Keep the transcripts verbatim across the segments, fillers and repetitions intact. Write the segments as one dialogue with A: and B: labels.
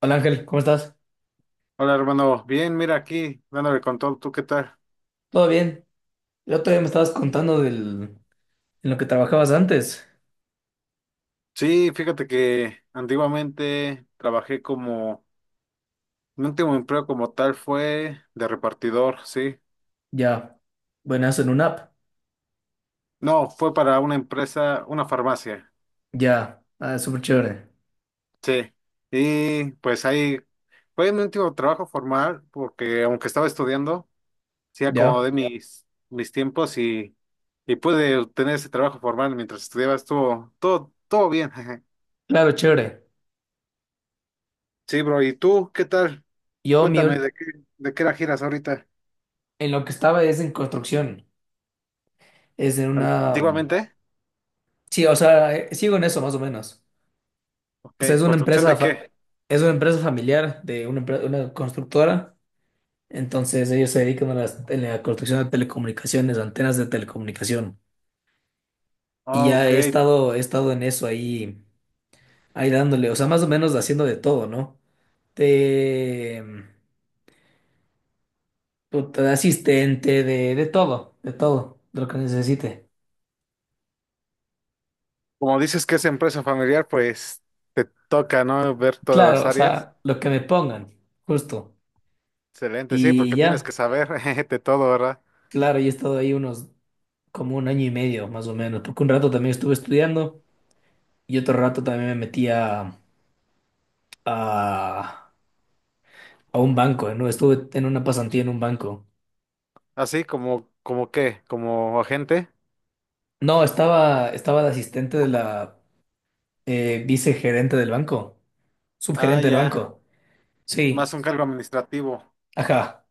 A: Hola Ángel, ¿cómo estás?
B: Hola hermano, bien, mira aquí, dándole con todo, ¿tú qué tal?
A: ¿Todo bien? El otro día me estabas contando del, en lo que trabajabas antes.
B: Sí, fíjate que antiguamente trabajé como, mi último empleo como tal fue de repartidor, sí.
A: Ya, buenazo en una app.
B: No, fue para una empresa, una farmacia,
A: Ya, ah, súper chévere.
B: sí. Y pues ahí fue mi último trabajo formal, porque aunque estaba estudiando, sí
A: Ya,
B: acomodé mis, mis tiempos y, y pude obtener ese trabajo formal mientras estudiaba, estuvo todo, todo bien.
A: claro, chévere.
B: Sí, bro, ¿y tú qué tal?
A: Yo, mi
B: Cuéntame,
A: ul-
B: ¿de qué, ¿de qué era giras ahorita?
A: en lo que estaba es en construcción. Es en una. Mm,
B: ¿Antiguamente?
A: Sí, o sea, eh, sigo en eso más o menos.
B: Ok,
A: O sea, es una
B: ¿construcción
A: empresa,
B: de
A: fa-
B: qué?
A: es una empresa familiar de una, empre- una constructora. Entonces, ellos se dedican a las- a la construcción de telecomunicaciones, antenas de telecomunicación. Y
B: Ah,
A: ya
B: ok,
A: he estado, he estado en eso ahí. Ahí dándole, o sea, más o menos haciendo de todo, ¿no? De, puta, de asistente, de, de todo, de todo, de lo que necesite.
B: como dices que es empresa familiar, pues te toca, ¿no? Ver todas
A: Claro,
B: las
A: o
B: áreas.
A: sea, lo que me pongan, justo.
B: Excelente, sí,
A: Y
B: porque tienes que
A: ya,
B: saber de todo, ¿verdad?
A: claro, yo he estado ahí unos, como un año y medio, más o menos, porque un rato también estuve estudiando y otro rato también me metí a, a, a un banco, ¿no? Estuve en una pasantía en un banco.
B: Así como, como qué, como agente.
A: No, estaba, estaba de asistente de la eh, vicegerente del banco,
B: Ah,
A: subgerente del
B: ya,
A: banco. Sí.
B: más un cargo administrativo.
A: Ajá.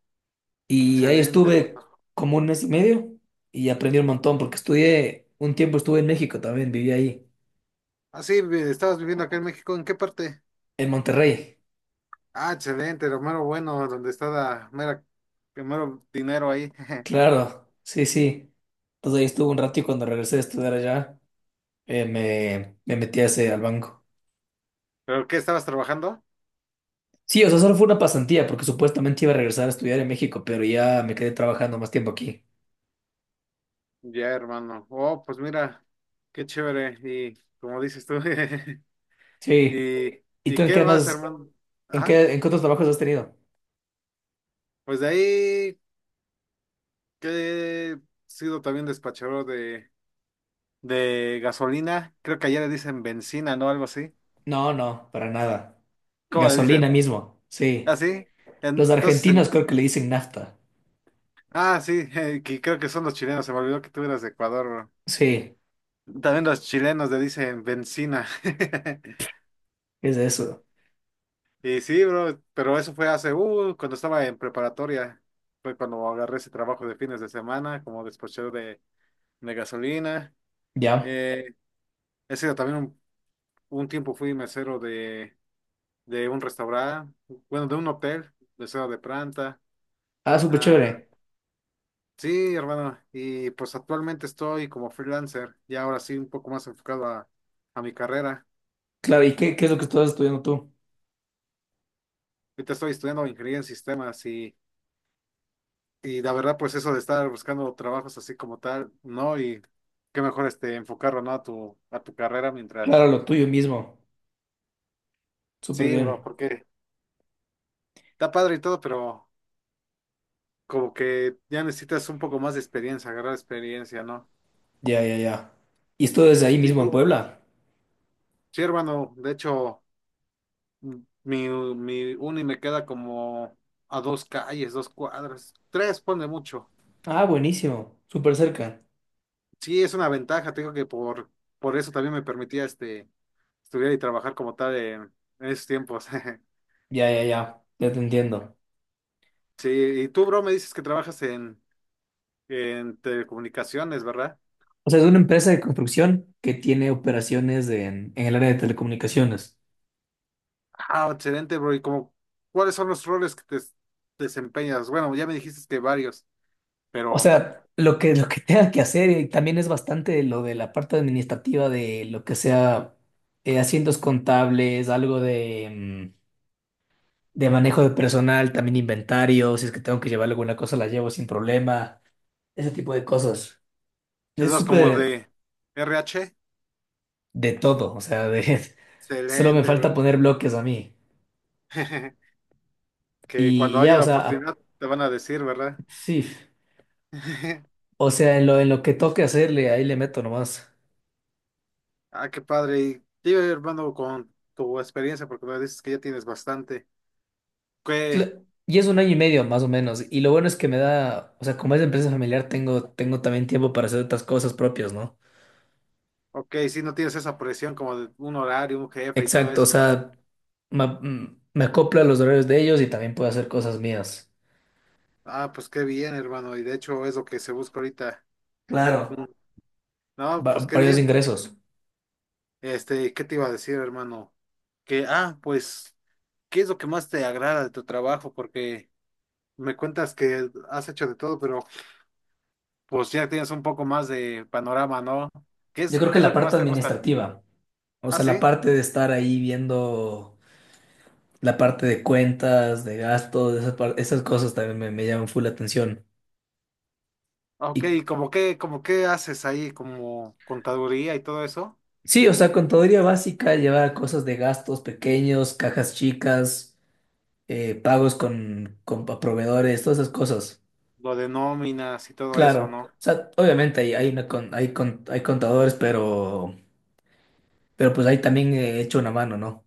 A: Y ahí
B: Excelente,
A: estuve
B: hermano.
A: como un mes y medio y aprendí un montón porque estudié, un tiempo estuve en México también, viví ahí,
B: Ah, sí, vi- estabas viviendo acá en México, ¿en qué parte?
A: en Monterrey.
B: Ah, excelente, lo mero bueno, donde está la mera, el mero dinero ahí.
A: Claro, sí, sí. Entonces ahí estuve un rato y cuando regresé a estudiar allá, eh, me, me metí a ese, al banco.
B: ¿Pero qué estabas trabajando?
A: Sí, o sea, solo fue una pasantía porque supuestamente iba a regresar a estudiar en México, pero ya me quedé trabajando más tiempo aquí.
B: Ya, hermano. Oh, pues mira, qué chévere. Y como dices tú,
A: Sí.
B: y,
A: ¿Y
B: ¿y
A: tú en
B: qué
A: qué
B: más,
A: más,
B: hermano?
A: en
B: Ajá.
A: qué, en qué otros trabajos has tenido?
B: Pues de ahí que he sido también despachador de, de gasolina. Creo que allá le dicen benzina, ¿no? Algo así.
A: No, no, para nada.
B: ¿Cómo le dicen?
A: Gasolina mismo,
B: ¿Ah,
A: sí.
B: sí?
A: Los
B: Entonces, en-
A: argentinos creo que le dicen nafta.
B: ah, sí, que creo que son los chilenos. Se me olvidó que tú eras de Ecuador, bro.
A: Sí,
B: También los chilenos le dicen benzina.
A: es eso.
B: Y sí, bro, pero eso fue hace, uh, cuando estaba en preparatoria. Fue cuando agarré ese trabajo de fines de semana como despachero de, de gasolina.
A: Ya.
B: Eh, he sido también un, un tiempo fui mesero de, de un restaurante, bueno, de un hotel, mesero de planta.
A: Ah, súper
B: Ah,
A: chévere.
B: sí, hermano, y pues actualmente estoy como freelancer, y ahora sí un poco más enfocado a, a mi carrera.
A: Claro, ¿y qué, qué es lo que estás estudiando tú?
B: Ahorita estoy estudiando ingeniería en sistemas. y Y la verdad, pues eso de estar buscando trabajos así como tal, ¿no? Y qué mejor este enfocarlo, ¿no? A tu, a tu carrera
A: Claro,
B: mientras.
A: lo tuyo mismo. Súper
B: Sí, bro,
A: bien.
B: porque está padre y todo, pero como que ya necesitas un poco más de experiencia, agarrar experiencia, ¿no?
A: Ya, ya, ya. ¿Y esto
B: Y,
A: desde ahí
B: y
A: mismo en
B: tú,
A: Puebla?
B: sí, hermano, de hecho, m- mi, mi uni me queda como a dos calles, dos cuadras, tres, pone mucho.
A: Ah, buenísimo. Súper cerca.
B: Sí, es una ventaja, te digo que por, por eso también me permitía este estudiar y trabajar como tal en en esos tiempos.
A: Ya, ya, ya. Ya te entiendo.
B: Sí, y tú, bro, me dices que trabajas en, en telecomunicaciones, ¿verdad?
A: O sea, es una empresa de construcción que tiene operaciones en, en el área de telecomunicaciones.
B: Ah, excelente, bro. ¿Y como cuáles son los roles que te desempeñas? Bueno, ya me dijiste que varios,
A: O
B: pero
A: sea, lo que, lo que tenga que hacer eh, también es bastante lo de la parte administrativa de lo que sea, eh, asientos contables, algo de, mm, de manejo de personal, también inventario, si es que tengo que llevar alguna cosa la llevo sin problema, ese tipo de cosas.
B: es
A: Es
B: más como
A: súper
B: de R H.
A: de todo, o sea, de, solo me
B: Excelente,
A: falta
B: bro.
A: poner bloques a mí.
B: Que
A: Y,
B: cuando
A: y ya,
B: haya
A: o
B: la
A: sea, a-
B: oportunidad te van a decir, ¿verdad?
A: sí, o sea, en lo, en lo que toque hacerle, ahí le meto nomás.
B: Ah, qué padre. Y dime, hermano, con tu experiencia, porque me dices que ya tienes bastante. Que,
A: Cla- Y es un año y medio más o menos. Y lo bueno es que me da, o sea, como es empresa familiar, tengo, tengo también tiempo para hacer otras cosas propias, ¿no?
B: ok, si no tienes esa presión como de un horario, un jefe y todo
A: Exacto, o
B: eso, ¿no?
A: sea, me, mm, me acoplo a los horarios de ellos y también puedo hacer cosas mías.
B: Ah, pues qué bien, hermano. Y de hecho es lo que se busca ahorita.
A: Claro,
B: Mm. No, pues
A: va-
B: qué
A: varios
B: bien.
A: ingresos.
B: Este, ¿qué te iba a decir, hermano? Que, ah, pues, ¿qué es lo que más te agrada de tu trabajo? Porque me cuentas que has hecho de todo, pero pues ya tienes un poco más de panorama, ¿no? ¿Qué
A: Yo
B: es,
A: creo que
B: ¿qué es
A: la
B: lo que
A: parte
B: más te gusta?
A: administrativa, o
B: Ah,
A: sea, la
B: sí.
A: parte de estar ahí viendo la parte de cuentas, de gastos, esas, par- esas cosas también me, me llaman full la atención.
B: Ah, ok,
A: Y
B: ¿y como qué, como qué haces ahí? Como contaduría y todo eso.
A: sí, o sea, contaduría básica, llevar cosas de gastos pequeños, cajas chicas. eh, pagos con, con pa- proveedores, todas esas cosas.
B: Lo de nóminas y todo eso,
A: Claro,
B: ¿no?
A: o sea, obviamente hay, hay, una con- hay, con- hay contadores, pero, pero pues ahí también he hecho una mano, ¿no?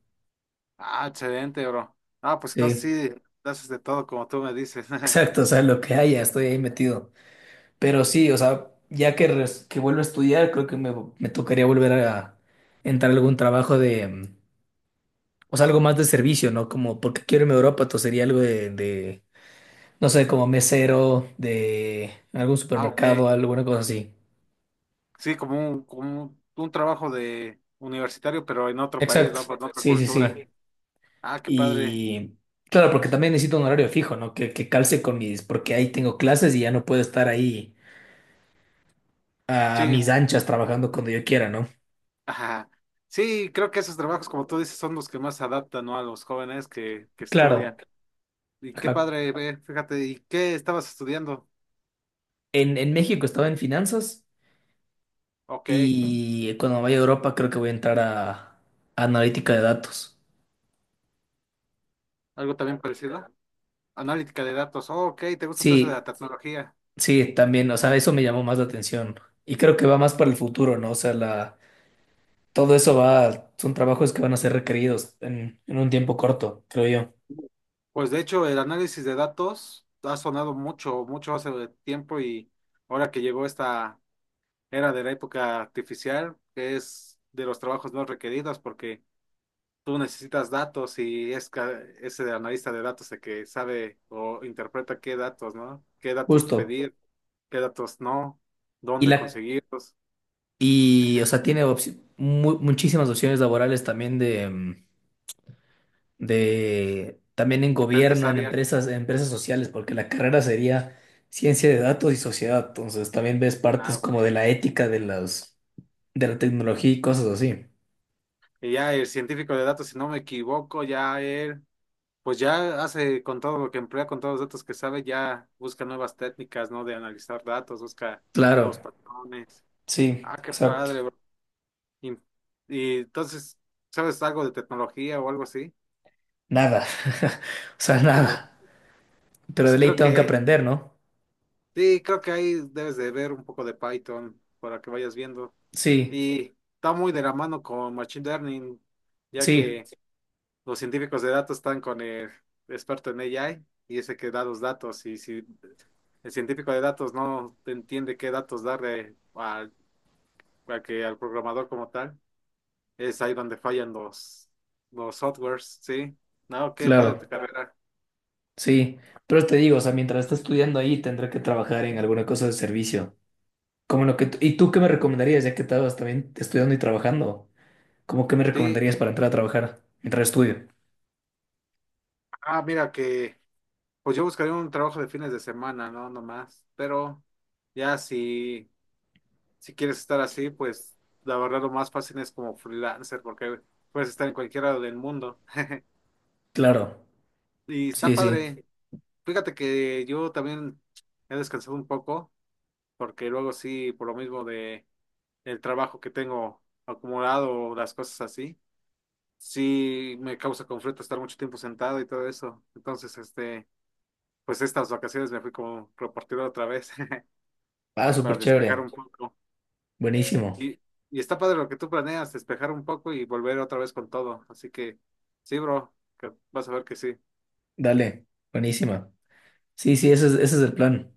B: Ah, excelente, bro. Ah, pues entonces
A: Sí,
B: sí, haces de todo como tú me dices.
A: exacto, o sea, lo que haya, estoy ahí metido. Pero sí, o sea, ya que, res- que vuelvo a estudiar, creo que me, me tocaría volver a entrar a algún trabajo de, mm, o sea, algo más de servicio, ¿no? Como porque quiero irme a Europa, entonces sería algo de, de, no sé, como mesero, de algún
B: Ah,
A: supermercado,
B: ok.
A: alguna cosa así.
B: Sí, como un, como un, un trabajo de universitario, pero en otro país,
A: Exacto,
B: ¿no? Con otra
A: sí, sí,
B: cultura.
A: sí.
B: Sí. Ah, qué padre.
A: Y claro, porque también necesito un horario fijo, ¿no? Que, que calce con mis, porque ahí tengo clases y ya no puedo estar ahí a
B: Sí.
A: mis anchas trabajando cuando yo quiera, ¿no?
B: Ajá. Sí, creo que esos trabajos, como tú dices, son los que más se adaptan, ¿no? A los jóvenes que, que estudian.
A: Claro.
B: Y qué
A: Ajá.
B: padre, ve, fíjate, ¿y qué estabas estudiando?
A: En, en México estaba en finanzas
B: Ok.
A: y cuando vaya a Europa creo que voy a entrar a, a analítica de datos.
B: ¿Algo también parecido? Analítica de datos. Oh, ok, ¿te gusta todo eso de la
A: Sí,
B: tecnología?
A: sí, también, o sea, eso me llamó más la atención y creo que va más para el futuro, ¿no? O sea, la, todo eso va, son trabajos que van a ser requeridos en, en un tiempo corto, creo yo.
B: Pues de hecho, el análisis de datos ha sonado mucho, mucho hace tiempo y ahora que llegó esta era de la época artificial, que es de los trabajos no requeridos porque tú necesitas datos y es ca- ese analista de datos el que sabe o interpreta qué datos, ¿no? Qué datos
A: Justo.
B: pedir, qué datos no,
A: Y
B: dónde
A: la,
B: conseguirlos,
A: Y, o sea, tiene opci- mu- muchísimas opciones laborales también de, mm, de, también en
B: en diferentes
A: gobierno, en
B: áreas.
A: empresas, en empresas sociales, porque la carrera sería ciencia de datos y sociedad. Entonces, también ves
B: Ah,
A: partes
B: ok.
A: como de la ética de las, de la tecnología y cosas así.
B: Y ya el científico de datos, si no me equivoco, ya él, pues ya hace con todo lo que emplea, con todos los datos que sabe, ya busca nuevas técnicas, ¿no? De analizar datos, busca
A: Claro,
B: nuevos patrones.
A: sí,
B: Ah, qué
A: exacto.
B: padre, bro. Y, y entonces, ¿sabes algo de tecnología o algo así?
A: Nada, o sea,
B: De le-
A: nada. Pero
B: Pues
A: de ley
B: creo
A: tengo que
B: que,
A: aprender, ¿no?
B: sí, creo que ahí debes de ver un poco de Python para que vayas viendo.
A: Sí,
B: Y está muy de la mano con Machine Learning, ya
A: sí,
B: que los científicos de datos están con el experto en A I y ese que da los datos. Y si el científico de datos no entiende qué datos darle al, a que, al programador como tal, es ahí donde fallan los, los softwares, ¿sí? No, qué padre tu
A: claro,
B: carrera.
A: sí. Pero te digo, o sea, mientras esté estudiando ahí, tendré que trabajar en alguna cosa de servicio. Como lo que, t- ¿y tú qué me recomendarías, ya que estabas también estudiando y trabajando? ¿Cómo qué me
B: Sí,
A: recomendarías para entrar a trabajar mientras estudio?
B: ah, mira que, pues yo buscaría un trabajo de fines de semana, ¿no? Nomás. Pero ya si, si quieres estar así, pues la verdad lo más fácil es como freelancer, porque puedes estar en cualquier lado del mundo.
A: Claro,
B: Y está
A: sí, sí.
B: padre. Fíjate que yo también he descansado un poco, porque luego sí, por lo mismo de el trabajo que tengo acumulado, o las cosas así, sí me causa conflicto estar mucho tiempo sentado y todo eso. Entonces, este, pues estas vacaciones me fui como repartido otra vez.
A: Ah,
B: Para
A: súper
B: despejar
A: chévere.
B: un poco.
A: Buenísimo.
B: Y, y está padre lo que tú planeas, despejar un poco y volver otra vez con todo. Así que, sí, bro, que vas a ver que sí.
A: Dale, buenísima. Sí, sí, ese es, ese es el plan.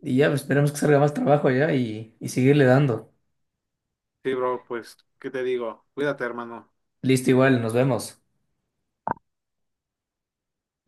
A: Y ya, pues, esperemos que salga más trabajo allá y, y seguirle dando.
B: Sí, bro, pues, ¿qué te digo? Cuídate, hermano.
A: Listo, igual, nos vemos.